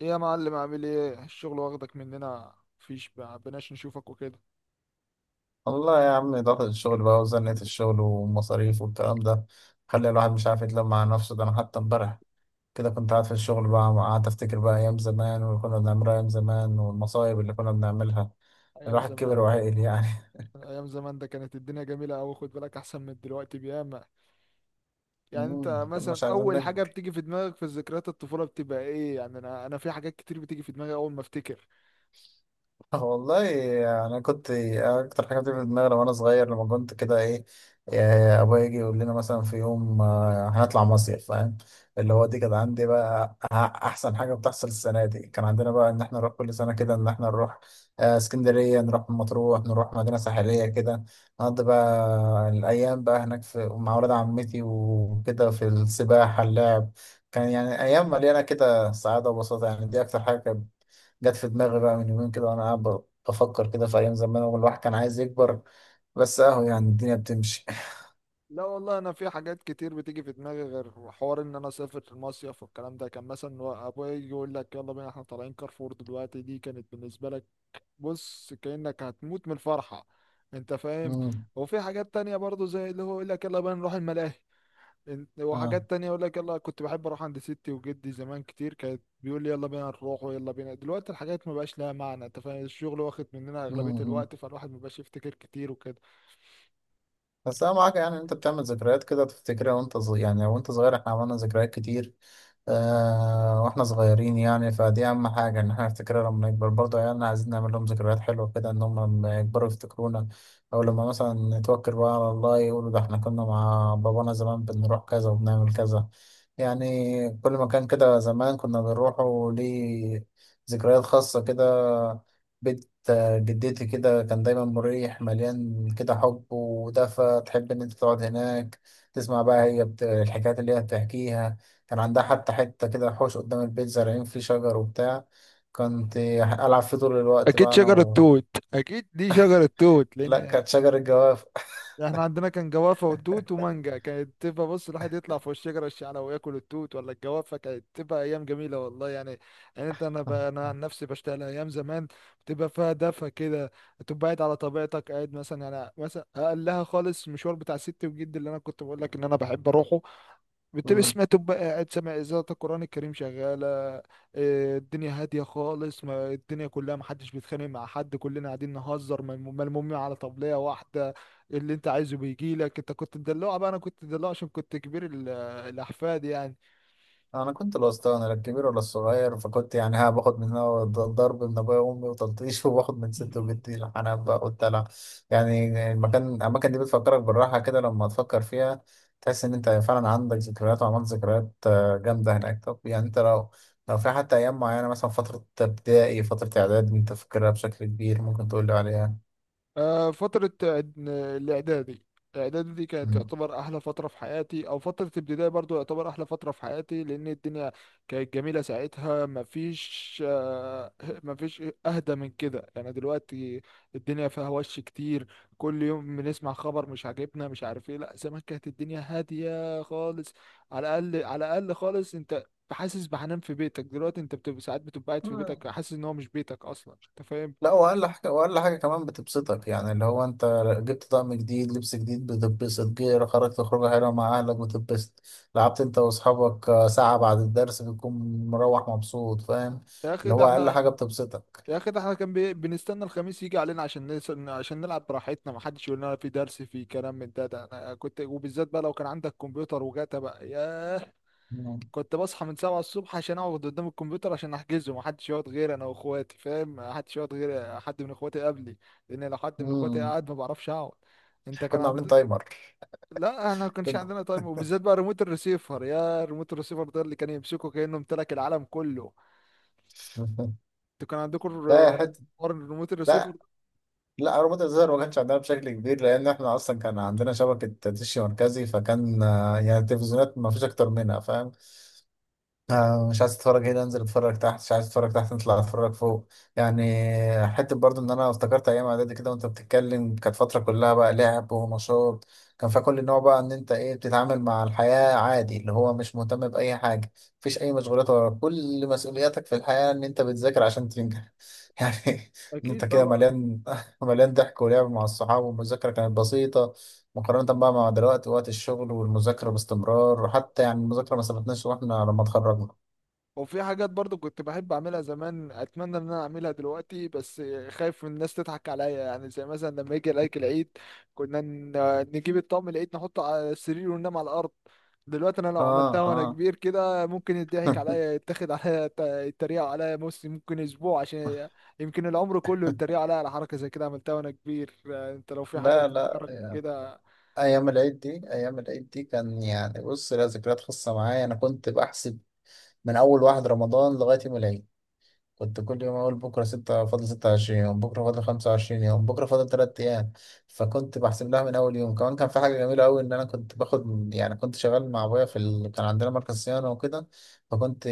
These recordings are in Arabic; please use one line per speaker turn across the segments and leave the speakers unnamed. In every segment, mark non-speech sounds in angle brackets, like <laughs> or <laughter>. ايه يا معلم، عامل ايه؟ الشغل واخدك مننا، مفيش بقناش نشوفك وكده.
والله يا عم، ضغط الشغل بقى وزنة الشغل والمصاريف والكلام ده خلي الواحد مش عارف يتلم مع نفسه. ده انا حتى امبارح كده كنت قاعد في الشغل بقى، قعدت افتكر بقى ايام زمان واللي كنا بنعملها ايام زمان والمصايب اللي كنا بنعملها.
ايام
الواحد كبر
زمان.
وعقل يعني. <laughs>
ايام زمان ده كانت الدنيا جميله قوي، خد بالك احسن من دلوقتي بياما. يعني انت
مم، كنا
مثلا
مش عايزين
اول حاجه
نكبر.
بتيجي في دماغك في ذكريات الطفوله بتبقى ايه؟ يعني انا في حاجات كتير بتيجي في دماغي اول ما افتكر.
والله انا كنت اكتر حاجه بتيجي في دماغي وانا صغير لما كنت كده ايه، إيه، ابويا يجي يقول لنا مثلا في يوم، آه، هنطلع مصيف، فاهم؟ اللي هو دي كانت عندي بقى احسن حاجه بتحصل السنه دي، كان عندنا بقى ان احنا نروح كل سنه كده، ان احنا نروح، آه، اسكندريه، نروح مطروح، نروح مدينه ساحليه كده، نقضي بقى الايام بقى هناك في مع ولاد عمتي وكده، في السباحه، اللعب. كان يعني ايام مليانه كده سعاده وبساطه. يعني دي اكتر حاجه جت في دماغي بقى من يومين كده وانا قاعد بفكر كده في ايام زمان والواحد كان عايز يكبر، بس اهو يعني الدنيا بتمشي.
لا والله، انا في حاجات كتير بتيجي في دماغي غير حوار ان انا اسافر في المصيف، والكلام ده. كان مثلا ابويا يجي يقول لك يلا بينا احنا طالعين كارفور دلوقتي، دي كانت بالنسبه لك بص كأنك هتموت من الفرحة، انت
<laughs>
فاهم.
امم.
وفي حاجات تانية برضو زي اللي هو يقول لك يلا بقى نروح الملاهي. وحاجات تانية يقول لك يلا، كنت بحب اروح عند ستي وجدي زمان كتير، كانت بيقول لي يلا بينا نروح ويلا بينا. دلوقتي الحاجات ما بقاش لها معنى، انت فاهم، الشغل واخد مننا اغلبية
اه،
الوقت، فالواحد ما بقاش يفتكر كتير وكده.
بس انا معاك يعني، إن انت بتعمل ذكريات كده تفتكرها وانت صغير. يعني وانت صغير احنا عملنا ذكريات كتير آه واحنا صغيرين. يعني فدي اهم حاجه، ان احنا نفتكرها لما نكبر. برضه عيالنا عايزين نعمل لهم ذكريات حلوه كده، ان هم لما يكبروا يفتكرونا، او لما مثلا نتوكل بقى على الله، يقولوا ده احنا كنا مع بابانا زمان بنروح كذا وبنعمل كذا. يعني كل مكان كده زمان كنا بنروحه ليه ذكريات خاصه كده. جدتي كده كان دايما مريح، مليان كده حب ودفى، تحب إن أنت تقعد هناك تسمع بقى هي الحكايات اللي هي بتحكيها. كان عندها حتى حتة كده حوش قدام البيت، زارعين فيه شجر وبتاع، كنت ألعب فيه طول الوقت
اكيد
بقى أنا
شجرة توت. اكيد دي شجرة توت،
لا،
لان
كانت شجر الجواف.
احنا عندنا كان جوافة وتوت ومانجا، كانت تبقى بص الواحد يطلع فوق الشجرة الشعلة وياكل التوت ولا الجوافة. كانت تبقى أيام جميلة والله. يعني يعني أنت، أنا بقى أنا عن نفسي بشتغل، أيام زمان بتبقى فيها دفى كده، تبقى قاعد على طبيعتك. قاعد مثلا، يعني مثلا أقلها خالص المشوار بتاع ست وجد اللي أنا كنت بقول لك إن أنا بحب أروحه، بتبقى سمعت،
<laughs>
تبقى قاعد سامع إذاعة القرآن الكريم شغالة. الدنيا هادية خالص، ما الدنيا كلها محدش بيتخانق مع حد، كلنا قاعدين نهزر، ملمومين على طبلية واحدة، اللي انت عايزه بيجيلك. انت كنت تدلوع، بقى انا كنت تدلوع عشان كنت كبير الأحفاد يعني.
انا كنت الوسطاني، لا الكبير ولا الصغير، فكنت يعني ها باخد من هنا ضرب من ابويا وامي وتلطيش، <laughs> وباخد من ست وجدي الحنان بقى والدلع. يعني المكان، الاماكن دي بتفكرك بالراحه كده لما تفكر فيها، تحس ان انت فعلا عندك ذكريات وعملت ذكريات، آه، جامده هناك. طب يعني انت لو، لو في حتى ايام معينه، مثلا فتره ابتدائي، فتره اعداد، انت فاكرها بشكل كبير، ممكن تقول لي عليها؟
فترة الإعدادي. الإعدادي دي كانت تعتبر أحلى فترة في حياتي، أو فترة ابتدائي برضو يعتبر أحلى فترة في حياتي، لأن الدنيا كانت جميلة ساعتها. مفيش مفيش أهدى من كده يعني. دلوقتي الدنيا فيها وش كتير، كل يوم بنسمع خبر مش عاجبنا، مش عارف إيه. لأ، زمان كانت الدنيا هادية خالص. على الأقل، على الأقل خالص، أنت حاسس بحنان في بيتك. دلوقتي أنت بتبقى ساعات بتبقى قاعد في
مم.
بيتك حاسس إن هو مش بيتك أصلا، أنت فاهم؟
لا، واقل حاجه، واقل حاجه كمان بتبسطك، يعني اللي هو انت جبت طقم جديد، لبس جديد، بتتبسط. جه خرجت خروجه حلوه مع اهلك، بتتبسط. لعبت انت واصحابك، آه، ساعه بعد الدرس، بتكون مروح مبسوط، فاهم؟
يا اخي
اللي
ده
هو اقل
احنا
حاجه بتبسطك.
يا اخي ده احنا كان بنستنى الخميس يجي علينا عشان عشان نلعب براحتنا، ما حدش يقول لنا في درس، في كلام من ده انا كنت، وبالذات بقى لو كان عندك كمبيوتر وجاتا بقى ياه.
مم.
كنت بصحى من 7 الصبح عشان اقعد قدام الكمبيوتر عشان احجزه، ما حدش يقعد غير انا واخواتي، فاهم؟ ما حدش يقعد غير حد من اخواتي قبلي، لان لو حد من اخواتي
مم.
قاعد ما بعرفش اقعد. انت
كنا عاملين تايمر. <laughs>
لا، انا ما كانش
كنا.
عندنا تايم، وبالذات بقى ريموت الريسيفر. يا ريموت الريسيفر ده، اللي كان يمسكه كانه امتلك العالم كله. انتوا كان عندكم
لا يا حته.
حوار الريموت الريسيفر.
لا، لا، روبوت الزر ما كانش عندنا بشكل كبير، لان احنا اصلا كان عندنا شبكه دش مركزي، فكان، آه، يعني التلفزيونات ما فيش اكتر منها، فاهم؟ آه، مش عايز اتفرج هنا، انزل اتفرج تحت، مش عايز اتفرج تحت، نطلع اتفرج فوق. يعني حته برضو ان انا افتكرت ايام اعدادي كده وانت بتتكلم. كانت فتره كلها بقى لعب ونشاط. كان فيها كل النوع بقى، ان انت ايه، بتتعامل مع الحياه عادي، اللي هو مش مهتم باي حاجه، مفيش اي مشغولات وراك، كل مسؤولياتك في الحياه ان انت بتذاكر عشان تنجح. <laughs> يعني ان انت
اكيد
كده
طبعا.
مليان <laughs> مليان ضحك ولعب مع الصحاب، والمذاكره كانت بسيطه مقارنة بقى مع دلوقتي، وقت الشغل والمذاكرة باستمرار. وحتى يعني المذاكرة ما سبتناش واحنا لما اتخرجنا.
وفي حاجات برضو كنت بحب اعملها زمان، اتمنى ان انا اعملها دلوقتي بس خايف من الناس تضحك عليا، يعني زي مثلا لما يجي عليك العيد. كنا ن- نجيب الطقم العيد نحطه على السرير وننام على الارض. دلوقتي انا لو
اه،
عملتها وانا
اه.
كبير كده ممكن يضحك
<laughs>
عليا، يتاخد عليا، يتريقوا عليا. بص ممكن اسبوع عشان يمكن العمر كله يتريقوا عليا على حركة زي كده عملتها وانا كبير. انت لو في حاجة
لا، لا،
بتفكرك
يعني
كده.
ايام العيد دي، ايام العيد دي كان يعني بص، لها ذكريات خاصه معايا. انا كنت بحسب من اول 1 رمضان لغايه يوم العيد. كنت كل يوم أقول بكرة ستة، فاضل 26 يوم، بكرة فاضل 25 يوم، بكرة فاضل 3 أيام. فكنت بحسب لها من أول يوم. كمان كان في حاجة جميلة أوي، إن أنا كنت باخد، يعني كنت شغال مع أبويا في كان عندنا مركز صيانة وكده، فكنت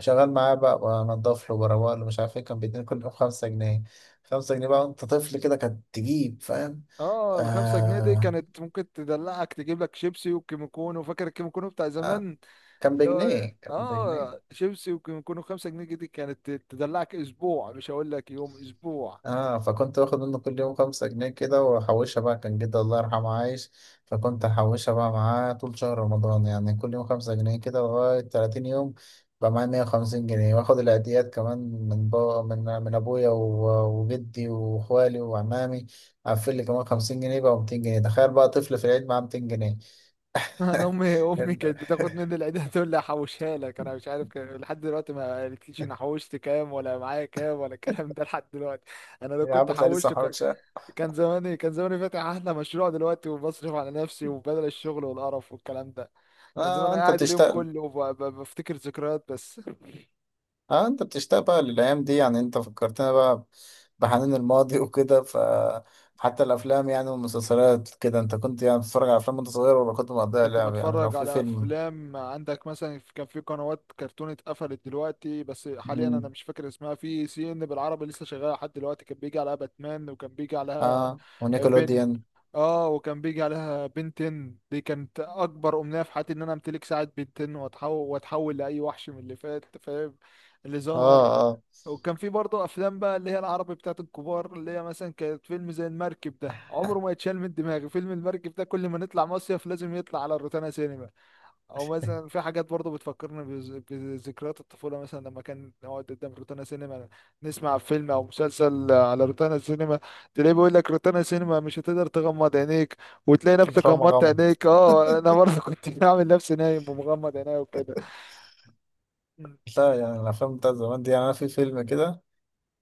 شغال معاه بقى، بنضف له وبروق له، مش عارف إيه، كان بيديني كل يوم 5 جنيه. خمسة جنيه بقى وأنت طفل كده كانت تجيب، فاهم؟
اه، الخمسة جنيه دي
آه.
كانت ممكن تدلعك، تجيب لك شيبسي وكيمو كونو. فاكر الكيمو كونو بتاع
آه.
زمان؟
كان
اللي هو
بجنيه، كان بجنيه.
اه شيبسي. وكان يكونوا خمسة جنيه، دي كانت تدلعك اسبوع، مش هقول لك يوم، اسبوع.
اه، فكنت واخد منه كل يوم خمسة جنيه كده واحوشها بقى. كان جدي الله يرحمه عايش، فكنت احوشها بقى معاه طول شهر رمضان، يعني كل يوم 5 جنيه كده، لغاية 30 يوم بقى معايا 150 جنيه. واخد العيديات كمان من بابا، من ابويا وجدي واخوالي وعمامي، قفل لي كمان 50 جنيه بقى، ومتين جنيه. تخيل بقى طفل في العيد معاه 200 جنيه.
<laughs> انا
<laughs>
امي كانت بتاخد مني العيدية <laughs> تقول لي احوشها لك، انا مش عارف لحد دلوقتي ما قالتليش انا حوشت كام ولا معايا كام ولا الكلام ده لحد دلوقتي. <laughs> انا لو
يا
كنت
عم تلاقي لسه
حوشت كان،
محوشها.
كان زماني، كان زماني فاتح احلى مشروع دلوقتي، وبصرف على نفسي وبدل الشغل والقرف والكلام ده. كان زماني
اه، انت
قاعد اليوم
بتشتغل.
كله بفتكر ذكريات بس.
اه، انت بتشتاق بقى للايام دي. يعني انت فكرتنا بقى بحنين الماضي <laughs> وكده. ف حتى الافلام يعني والمسلسلات كده، انت كنت يعني بتتفرج على افلام وانت صغير، ولا كنت مقضيها
كنت
لعب؟ يعني لو
بتفرج
في
على
فيلم.
افلام، عندك مثلا كان في قنوات كرتون اتقفلت دلوقتي، بس حاليا انا
مم.
مش فاكر اسمها، في سي ان بالعربي لسه شغاله لحد دلوقتي، كان بيجي عليها باتمان، وكان بيجي عليها
اه
بن.
ونيكلوديان.
اه وكان بيجي عليها بنتن، دي كانت اكبر امنيه في حياتي ان انا امتلك ساعه بنتن واتحول، واتحول لاي وحش من اللي فات، فاهم؟ اللي
اه،
ظهر.
اه.
وكان في برضه افلام بقى، اللي هي العربي بتاعت الكبار، اللي هي مثلا كانت فيلم زي المركب، ده عمره ما يتشال من دماغي. فيلم المركب ده كل ما نطلع مصيف لازم يطلع على الروتانا سينما. او مثلا في حاجات برضه بتفكرني بذكريات الطفوله، مثلا لما كان نقعد قدام روتانا سينما نسمع فيلم او مسلسل على روتانا سينما، تلاقيه بيقول لك روتانا سينما مش هتقدر تغمض عينيك، وتلاقي نفسك
دراما
غمضت
غم.
عينيك. اه، انا برضه كنت <laughs> بعمل نفسي نايم ومغمض عينيا وكده.
لا، يعني الافلام بتاعت زمان دي، يعني انا في فيلم كده،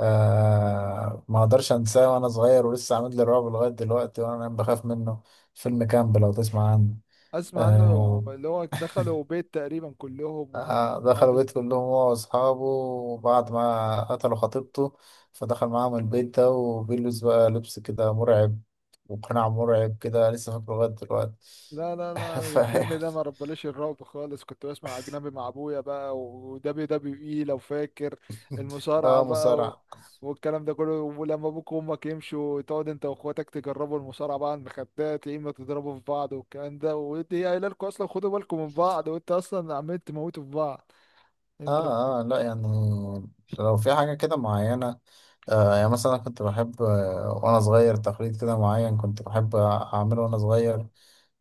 آه، ما اقدرش انساه، وانا صغير ولسه عامل لي رعب لغايه دلوقتي، وانا بخاف منه. فيلم كامب، لو تسمع عنه.
اسمع عنه.
آه.
اللي هو دخلوا بيت تقريبا كلهم،
آه، دخلوا
وقعدوا.
بيت كلهم هو وأصحابه، وبعد ما قتلوا خطيبته فدخل معاهم البيت ده، وبيلبس بقى لبس كده مرعب، وقناع مرعب كده، لسه فاكره لغاية دلوقتي.
لا لا لا،
<laughs> فيعني.
الفيلم ده ما ربليش الرعب خالص. كنت بسمع اجنبي مع ابويا بقى، ودبليو دبليو اي لو فاكر، المصارعه
اه،
بقى، و...
مصارعة.
والكلام ده كله. ولما ابوك وامك يمشوا، تقعد انت واخواتك تجربوا المصارعه بقى على المخدات، يا اما تضربوا في بعض والكلام ده، ودي قايله لكم اصلا خدوا بالكم من بعض، وانت اصلا عمال تموتوا في بعض. انت.
اه، اه. لا يعني لو في حاجة كده معينة، آه، يعني مثلا أنا كنت بحب، آه، وأنا صغير، تقليد كده معين كنت بحب أعمله وأنا صغير.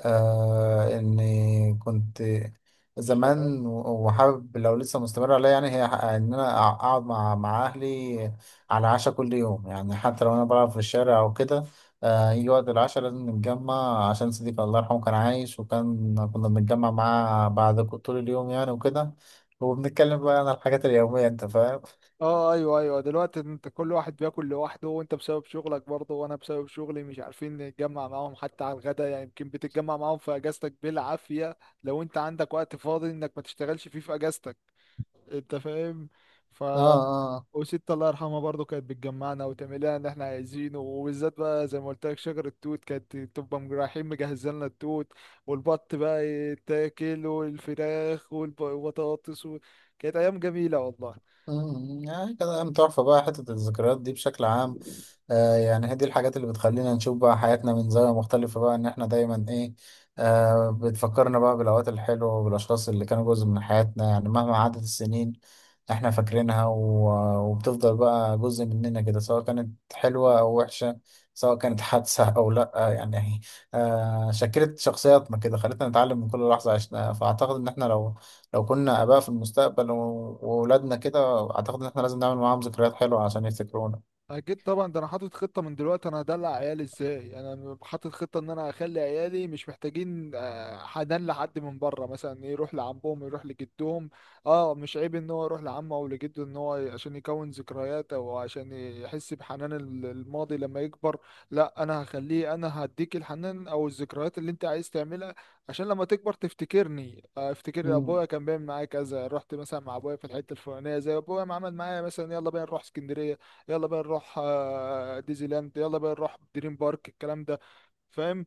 آه، اني كنت زمان وحابب لو لسه مستمر عليا، يعني هي ان انا اقعد مع اهلي على عشاء كل يوم. يعني حتى لو انا بلعب في الشارع او كده، آه، يجي وقت العشاء لازم نتجمع، عشان صديقي الله يرحمه كان عايش، وكان كنا بنتجمع معاه بعد طول اليوم يعني وكده، وبنتكلم بقى عن الحاجات اليومية، انت فاهم.
اه ايوه ايوه. دلوقتي انت كل واحد بياكل لوحده، وانت بسبب شغلك برضه وانا بسبب شغلي مش عارفين نتجمع معاهم حتى على الغدا، يعني يمكن بتتجمع معاهم في اجازتك بالعافية، لو انت عندك وقت فاضي انك ما تشتغلش فيه في اجازتك، انت فاهم. ف،
اه، اه.
وست الله يرحمها برضه كانت بتجمعنا وتعمل لنا اللي احنا عايزينه، وبالذات بقى زي ما قلت لك شجر التوت، كانت تبقى رايحين مجهزين لنا التوت، والبط بقى يتاكل، والفراخ والبطاطس. و... كانت ايام جميلة والله.
أمم، يعني كده أيام تحفة بقى حتة الذكريات دي بشكل عام. آه يعني هي دي الحاجات اللي بتخلينا نشوف بقى حياتنا من زاوية مختلفة، بقى إن إحنا دايما إيه، آه، بتفكرنا بقى بالأوقات الحلوة وبالأشخاص اللي كانوا جزء من حياتنا. يعني مهما عدت السنين، إحنا فاكرينها، و- وبتفضل بقى جزء مننا كده، سواء كانت حلوة أو وحشة، سواء كانت حادثة أو لأ. يعني آه، شكلت شخصياتنا كده، خلتنا نتعلم من كل لحظة عشناها. فأعتقد إن إحنا لو، لو كنا آباء في المستقبل وولادنا كده، أعتقد إن إحنا لازم نعمل معاهم ذكريات حلوة عشان يفتكرونا.
اكيد طبعا. ده انا حاطط خطه من دلوقتي انا هدلع عيالي ازاي. يعني انا حاطط خطه ان انا اخلي عيالي مش محتاجين حنان لحد من بره، مثلا يروح لعمهم، يروح لجدهم. اه مش عيب ان هو يروح لعمه او لجده، ان هو عشان يكون ذكريات او عشان يحس بحنان الماضي لما يكبر. لا، انا هخليه، انا هديك الحنان او الذكريات اللي انت عايز تعملها عشان لما تكبر تفتكرني. افتكر ابويا كان بيعمل معايا كذا، رحت مثلا مع ابويا في الحته الفلانيه، زي ابويا ما عمل معايا مثلا يلا بينا نروح اسكندريه، يلا بقى نروح ديزني لاند، يلا بقى نروح دريم بارك، الكلام ده، فاهم.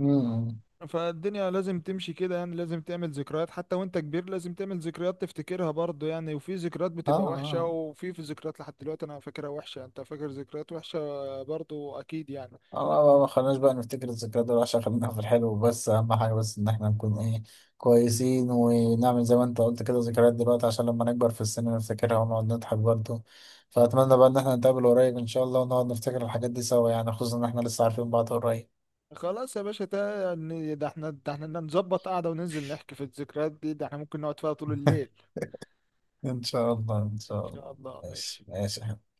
امم.
فالدنيا لازم تمشي كده، يعني لازم تعمل ذكريات حتى وانت كبير، لازم تعمل ذكريات تفتكرها برضه يعني. وفي ذكريات
اه،
بتبقى وحشة،
اه،
وفي ذكريات لحد دلوقتي انا فاكرها وحشة. انت فاكر ذكريات وحشة برضه اكيد يعني.
اه، آه، آه، ما خلناش بقى نفتكر الذكريات دي، عشان خلينا في الحلو بس. اهم حاجه بس ان احنا نكون ايه، كويسين، ونعمل زي ما انت قلت كده ذكريات دلوقتي، عشان لما نكبر في السن نفتكرها ونقعد نضحك برضه. فاتمنى بقى ان احنا نتقابل قريب ان شاء الله، ونقعد نفتكر الحاجات دي سوا. يعني خصوصا ان احنا لسه عارفين بعض قريب.
خلاص يا باشا، ده يعني ده احنا نظبط قعدة وننزل نحكي في الذكريات دي، ده احنا ممكن نقعد فيها طول الليل.
<laughs> ان شاء الله، ان
ان
شاء
شاء
الله.
الله،
ماشي،
ماشي.
ماشي.